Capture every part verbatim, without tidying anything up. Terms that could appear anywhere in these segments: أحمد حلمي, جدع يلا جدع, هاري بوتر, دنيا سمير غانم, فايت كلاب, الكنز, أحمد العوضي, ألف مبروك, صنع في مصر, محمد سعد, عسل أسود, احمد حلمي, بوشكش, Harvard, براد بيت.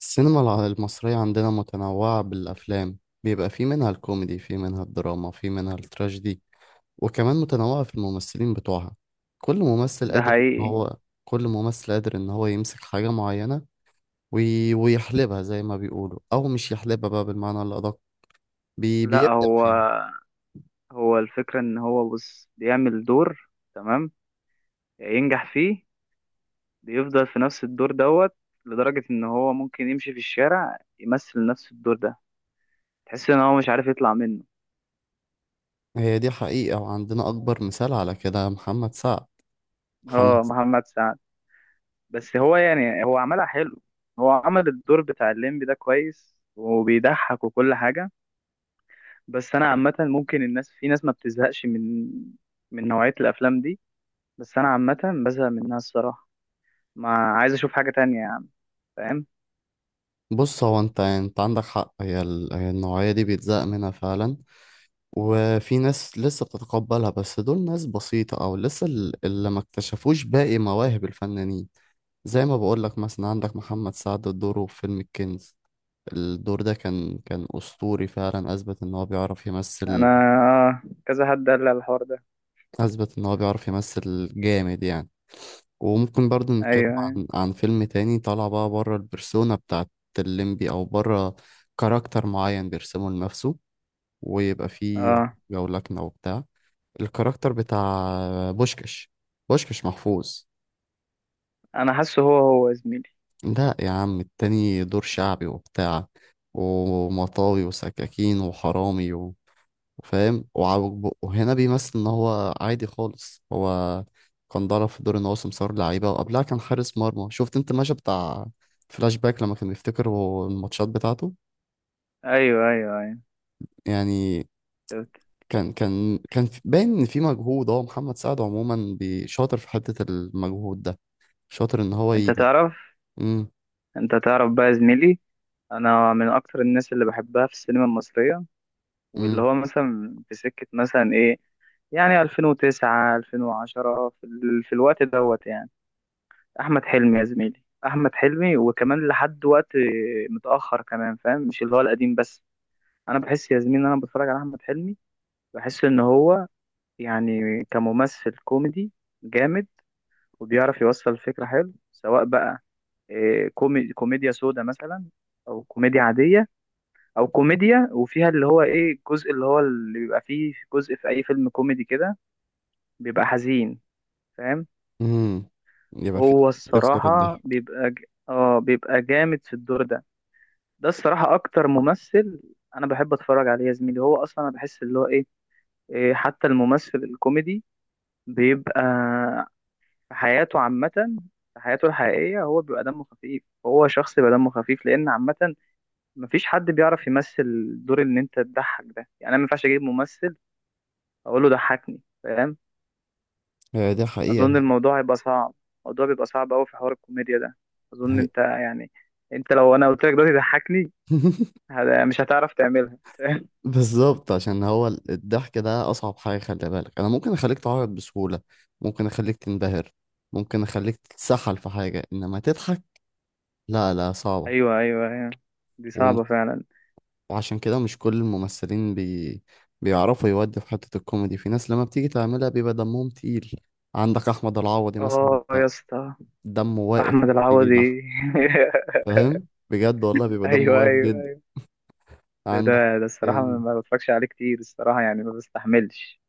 السينما الع- المصرية عندنا متنوعة بالأفلام، بيبقى في منها الكوميدي، في منها الدراما، في منها التراجيدي. وكمان متنوعة في الممثلين بتوعها. كل ممثل ده قادر إن حقيقي. هو كل ممثل قادر إن هو يمسك حاجة معينة وي... ويحلبها زي ما بيقولوا، أو مش يحلبها بقى بالمعنى الأدق، بي... لا بيبدع هو، فيها. هو الفكرة ان هو بص بيعمل دور، تمام، ينجح فيه. بيفضل في نفس الدور دوت لدرجة ان هو ممكن يمشي في الشارع يمثل نفس الدور ده. تحس ان هو مش عارف يطلع منه. هي دي حقيقة، وعندنا أكبر مثال على كده محمد سعد. اه محمد محمد سعد، بس هو يعني هو عملها حلو. هو عمل الدور بتاع الليمبي ده كويس وبيضحك وكل حاجة. بس انا عامة، ممكن الناس، في ناس ما بتزهقش من من نوعية الافلام دي. بس انا عامة بزهق منها الصراحة. ما عايز اشوف حاجة تانية يا عم، فاهم؟ بص، هو أنت أنت عندك حق، هي, ال... هي النوعية دي بيتزهق منها فعلا. وفي ناس لسه بتتقبلها، بس دول ناس بسيطة، أو لسه ال- اللي ما اكتشفوش باقي مواهب الفنانين. زي ما بقولك، مثلا عندك محمد سعد دوره في فيلم الكنز. الدور ده كان كان أسطوري فعلا، أثبت إن هو بيعرف انا يمثل اه كذا حد قال لي على الحوار ده. أثبت إن هو بيعرف يمثل جامد يعني. وممكن برضه ايوه نتكلم ايوه. عن عن فيلم تاني طالع بقى بره البرسونا بتاعت الليمبي، أو بره كاركتر معين بيرسمه لنفسه ويبقى فيه اه جولكنة وبتاع. الكاركتر بتاع بوشكش بوشكش محفوظ. انا حاسه هو هو يا زميلي. لا يا عم، التاني دور شعبي وبتاع، ومطاوي وسكاكين وحرامي و- وفاهم وعوج بقه. وهنا بيمثل ان هو عادي خالص. هو كان ضرب في دور ان هو سمسار لعيبه، وقبلها كان حارس مرمى. شفت انت المشهد بتاع فلاش باك لما كان بيفتكر هو الماتشات بتاعته؟ ايوه ايوه ايوه يعني شفت. كان كان كان في- باين ان في مجهود. هو محمد سعد عموما بي- شاطر في حته المجهود ده، شاطر ان هو انت ي... تعرف، انت تعرف بقى يا زميلي، انا من اكتر الناس اللي بحبها في السينما المصرية، واللي امم هو مثلا في سكة مثلا ايه، يعني ألفين وتسعة ألفين وعشرة، في, ال... في الوقت دوت يعني، احمد حلمي يا زميلي، احمد حلمي، وكمان لحد وقت متأخر كمان، فاهم؟ مش اللي هو القديم بس. انا بحس يا زميلي ان انا بتفرج على احمد حلمي، بحس ان هو يعني كممثل كوميدي جامد، وبيعرف يوصل الفكرة حلو، سواء بقى إيه، كومي... كوميديا سودا مثلا، او كوميديا عادية، او كوميديا وفيها اللي هو ايه الجزء اللي هو اللي بيبقى فيه جزء في اي فيلم كوميدي كده بيبقى حزين، فاهم؟ امم يبقى في هو تكسر الصراحة الضحك. بيبقى ج... اه بيبقى جامد في الدور ده. ده الصراحة اكتر ممثل انا بحب اتفرج عليه يا زميلي. هو اصلا انا بحس اللي هو ايه إيه، حتى الممثل الكوميدي بيبقى في حياته عامة، في حياته الحقيقية، هو بيبقى دمه خفيف، هو شخص بيبقى دمه خفيف، لأن عامة مفيش حد بيعرف يمثل الدور اللي أنت تضحك ده. يعني أنا مينفعش أجيب ممثل أقول له ضحكني، فاهم؟ هي دي حقيقة. أظن الموضوع هيبقى صعب. الموضوع بيبقى صعب أوي في حوار الكوميديا ده. أظن هي. أنت يعني، أنت لو أنا قلت لك دلوقتي ضحكني، هت- مش هتعرف تعملها، فاهم؟ بالظبط، عشان هو ال- الضحك ده أصعب حاجة. خلي بالك، أنا ممكن أخليك تعيط بسهولة، ممكن أخليك تنبهر، ممكن أخليك تتسحل في حاجة، إنما تضحك لا، لا، صعبة. أيوه أيوه أيوه، دي وم- صعبة فعلا. وعشان كده مش كل الممثلين بي... بيعرفوا يودوا في حتة الكوميدي. في ناس لما بتيجي تعملها بيبقى دمهم تقيل. عندك أحمد العوضي مثلا، آه يا اسطى. دمه واقف. أحمد بيجي يضحك، العوضي. فاهم، بجد والله بيبقى دمه أيوه واقف جدا. أيوه. ده عندك ده ده الصراحة ما ما بتفرجش عليه كتير الصراحة، يعني ما بستحملش.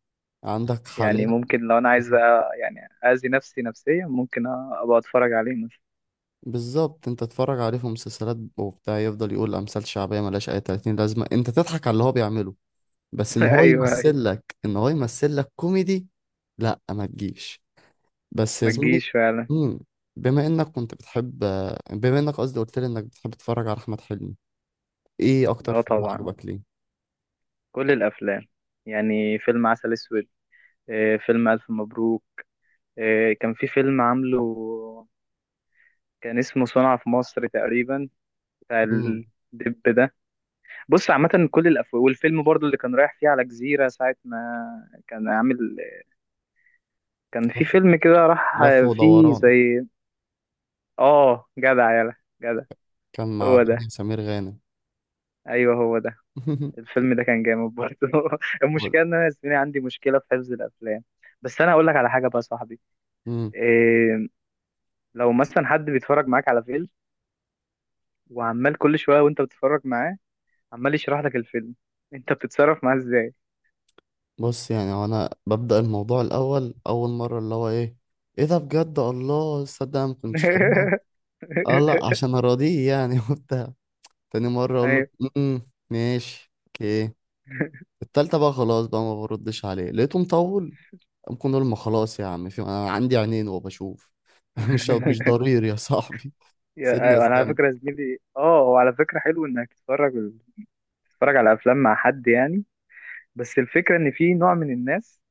عندك حاليا يعني ممكن لو أنا عايز بقى، يعني أذي نفسي نفسيا، ممكن أ- أبقى أتفرج عليه مثلا. بالظبط، انت تتفرج عليه في مسلسلات وبتاع، يفضل يقول امثال شعبيه ملهاش اي تلاتين لازمه، انت تضحك على اللي هو بيعمله، بس ان هو أيوه أيوه. يمثل لك، ان هو يمثل لك كوميدي لا، ما تجيش. بس يا ما زميلي، تجيش فعلا. مم، بما انك كنت بتحب بما انك قصدي قلت لي انك بتحب تتفرج على احمد حلمي، ايه اكتر أه فيلم طبعا، عجبك ليه؟ كل الأفلام، يعني فيلم عسل أسود، آه، فيلم ألف مبروك، آه، كان في فيلم عامله، كان اسمه صنع في مصر تقريبا، بتاع مم، الدب ده. بص عامة كل الأف، والفيلم برضو اللي كان رايح فيه على جزيرة ساعة ما كان عامل، كان في لف فيلم كده راح لف فيه ودوران. زي، اه جدع يلا، جدع. كان مع هو دنيا ده، سمير غانم. ايوه هو ده. الفيلم ده كان جامد برضه. قول. المشكله ان انا يا زميلي عندي مشكله في حفظ الافلام. بس انا اقول لك على حاجه بقى يا صاحبي، إيه، لو مثلا حد بيتفرج معاك على فيلم، وعمال كل شويه وانت بتتفرج معاه عمال يشرح لك الفيلم، انت بتتصرف معاه ازاي؟ بص يعني، هو انا ببدأ الموضوع الاول، اول مرة اللي هو ايه، ايه ده بجد، الله، صدق أنا ما كنتش فاهمها. اه، لا عشان اراضيه يعني وبتاع. تاني مرة اقول له ايوه. امم، ماشي، اوكي. التالتة بقى خلاص بقى ما بردش عليه، لقيته مطول. ممكن اقول، ما خلاص يا عم، في انا عندي عينين وبشوف. مش، مش ضرير يا صاحبي. يا- سيبنا ايوه انا على استنى. فكره يا زميلي، اه هو على فكره حلو انك تتفرج، تتفرج على افلام مع حد يعني. بس الفكره ان في نوع من الناس،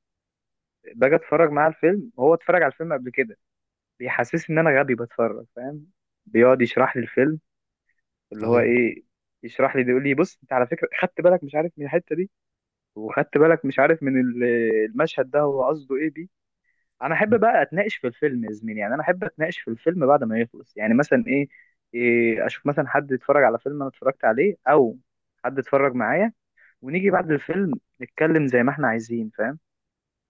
باجي اتفرج معاه الفيلم وهو اتفرج على الفيلم قبل كده، بيحسسني ان انا غبي بتفرج، فاهم؟ بيقعد يشرح لي الفيلم اللي هو ايوه، ايه، يشرح لي يقول لي بص انت على فكره خدت بالك مش عارف من الحته دي، وخدت بالك مش عارف من ال- المشهد ده هو قصده ايه بيه. انا احب بقى اتناقش في الفيلم يا زميلي، يعني انا احب اتناقش في الفيلم بعد ما يخلص، يعني مثلا ايه، إيه اشوف مثلا حد اتفرج على فيلم انا اتفرجت عليه، او حد اتفرج معايا، ونيجي بعد الفيلم نتكلم زي ما احنا عايزين، فاهم؟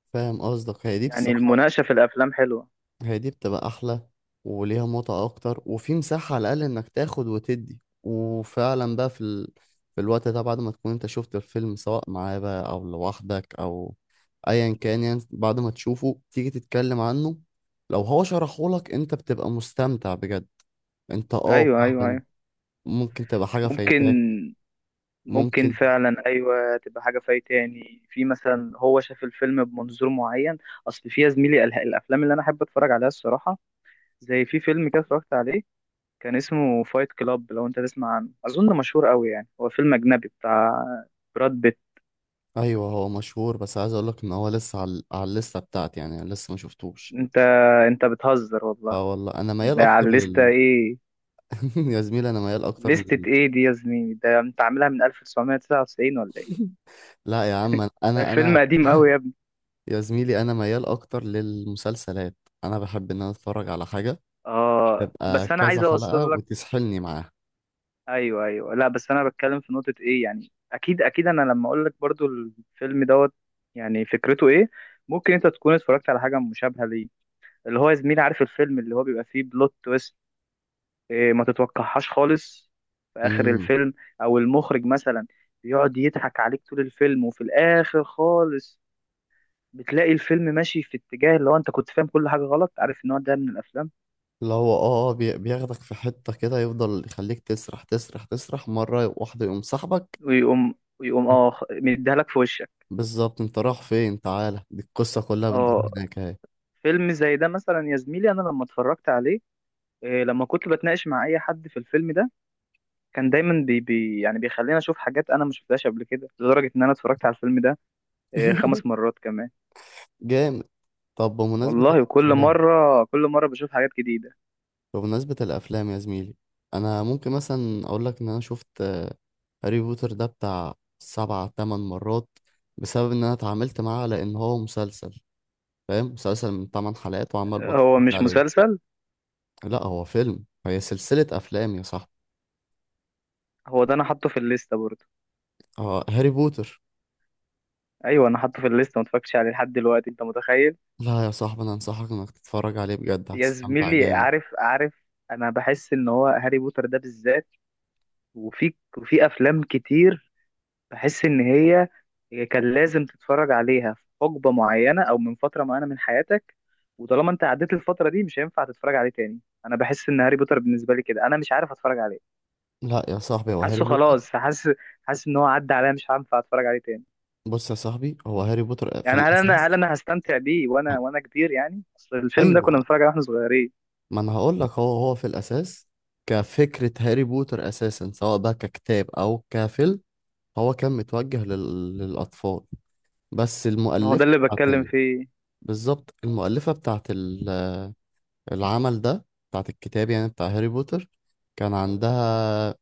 فاهم قصدك. هي دي يعني بصراحة المناقشة في الأفلام حلوة. هي دي بتبقى احلى، وليها متعة اكتر، وفي مساحة على الاقل انك تاخد وتدي، وفعلا بقى في ال... في الوقت ده، بعد ما تكون انت شفت الفيلم سواء معاه بقى او لوحدك، او ايا كان يعني، بعد ما تشوفه تيجي تتكلم عنه. لو هو شرحهولك انت بتبقى مستمتع بجد. انت اه أيوه أيوه فعلا، أيوه. ممكن تبقى حاجة ممكن، فايتاك. ممكن ممكن. فعلا، أيوه تبقى حاجة فايت تاني، في مثلا هو شاف الفيلم بمنظور معين. أصل في يا زميلي ال- الأفلام اللي أنا أحب أتفرج عليها الصراحة، زي في فيلم كده اتفرجت عليه، كان اسمه فايت كلاب، لو أنت تسمع عنه أظن مشهور أوي، يعني هو فيلم أجنبي بتاع براد بيت. ايوه هو مشهور، بس عايز اقولك ان هو لسه على، على الليسته بتاعتي يعني، أنا لسه ما شفتوش. أنت أنت بتهزر والله؟ اه والله، انا ميال ده على اكتر الليستة لل إيه؟ يا زميلي، انا ميال اكتر. ليستة إيه دي يا زميلي؟ ده أنت عاملها من ألف وتسعمية وتسعة وتسعين ولا إيه؟ لا يا عم، ده انا الفيلم انا قديم أوي. يا زميلي انا ميال اكتر للمسلسلات. انا بحب ان انا اتفرج على حاجه اه تبقى بس انا عايز كذا حلقه اوصل لك. وتسحلني معاها. ايوه ايوه، لا بس انا بتكلم في نقطة ايه، يعني اكيد اكيد انا لما اقول لك برضو الفيلم دوت، يعني فكرته ايه، ممكن انت تكون اتفرجت على حاجة مشابهة ليه. اللي هو يا زميلي عارف الفيلم اللي هو بيبقى فيه بلوت تويست، إيه ما تتوقعهاش خالص في اخر امم، الفيلم، او المخرج مثلا بيقعد يضحك عليك طول الفيلم وفي الاخر خالص بتلاقي الفيلم ماشي في اتجاه اللي هو انت كنت فاهم كل حاجة غلط، عارف النوع ده من الافلام. اللي هو اه آه، بي- بياخدك في حته كده، يفضل يخليك تسرح تسرح تسرح، مره واحده يقوم سحبك. ويقوم ويقوم اه مديها لك في وشك. بالظبط، انت رايح فين؟ تعالى، دي القصه كلها بتدور اه. هناك اهي. فيلم زي ده مثلا يا زميلي انا لما اتفرجت عليه إيه، لما كنت بتناقش مع اي حد في الفيلم ده كان دايما بي بي يعني بيخليني اشوف حاجات انا ما شفتهاش قبل كده، لدرجه ان انا اتفرجت على الفيلم ده إيه، خمس مرات كمان. جامد. طب، بمناسبه والله وكل الافلام، مره كل مره بشوف حاجات جديده. بمناسبة الأفلام يا زميلي، أنا ممكن مثلا أقول لك إن أنا شفت آه، هاري بوتر ده بتاع سبع تمن مرات، بسبب إن أنا اتعاملت معاه على إن هو مسلسل. فاهم، مسلسل من تمن حلقات وعمال هو بتفرج مش عليه. مسلسل؟ لا هو فيلم، هي سلسلة أفلام يا صاحبي. هو ده انا حاطه في الليسته برضه. اه هاري بوتر. ايوه انا حاطه في الليسته، ما اتفرجتش عليه لحد دلوقتي، انت متخيل؟ لا يا صاحبي، أنا أنصحك إنك تتفرج عليه بجد، يا هتستمتع زميلي جامد. عارف عارف، انا بحس ان هو هاري بوتر ده بالذات وفي وفي افلام كتير، بحس ان هي، هي كان لازم تتفرج عليها في حقبة معينة او من فترة معينة من حياتك، وطالما انت عديت الفترة دي مش هينفع تتفرج عليه تاني. انا بحس ان هاري بوتر بالنسبة لي كده انا مش عارف اتفرج عليه. لا يا صاحبي، هو حاسه هاري بوتر. خلاص، حاسس، حاسس ان هو عدى عليا مش هينفع اتفرج عليه تاني. بص يا صاحبي، هو هاري بوتر في يعني هل انا هل الأساس. انا هستمتع بيه وانا وانا كبير، يعني اصل الفيلم ده كنا أيوه. بنتفرج عليه واحنا صغيرين. ما انا هقول لك، هو هو في الاساس، كفكره، هاري بوتر اساسا سواء بقى ككتاب او كفيلم، هو كان متوجه لل... للاطفال. بس ما هو ده المؤلفه اللي بتاعت بتكلم ال... فيه. بالظبط، المؤلفه بتاعت ال... العمل ده، بتاعت الكتاب يعني بتاع هاري بوتر، كان عندها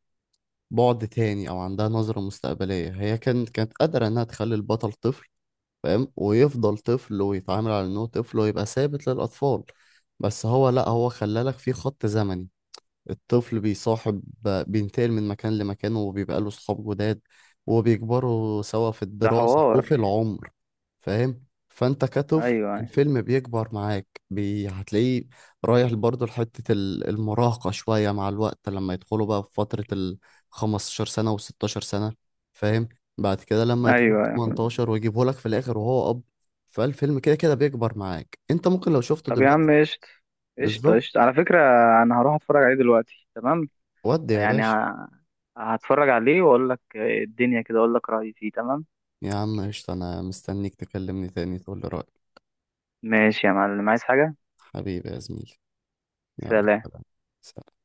بعد تاني، او عندها نظره مستقبليه. هي كانت كانت قادره انها تخلي البطل طفل، فاهم، ويفضل طفل ويتعامل على انه طفل ويبقى ثابت للاطفال. بس هو لا، هو خلالك في خط زمني. الطفل بيصاحب، بينتقل من مكان لمكان، وبيبقى له صحاب جداد، وبيكبروا سوا في ده الدراسة حوار. وفي العمر. فاهم، فانت كطفل ايوه الفيلم بيكبر معاك، بي... هتلاقيه رايح برضه لحتة ال- المراهقة شوية مع الوقت، لما يدخلوا بقى في فترة ال خمستاشر سنة و ستاشر سنة، فاهم، بعد كده لما يدخل ايوه ايوه. تمنتاشر ويجيبه لك في الآخر وهو أب. فالفيلم كده كده بيكبر معاك، انت ممكن لو شفته طب يا دلوقتي. عم قشطة. قشطة بالظبط. قشطة على فكرة، انا هروح اتفرج عليه دلوقتي، تمام. ودي يا يعني باشا، ه- هتفرج عليه واقول لك الدنيا كده، اقول لك رأيي فيه، تمام. يا عم قشطة. أنا مستنيك تكلمني تاني تقول لي رأيك. ماشي يا معلم، عايز حاجة؟ حبيبي يا زميلي، يلا، سلام. سلام.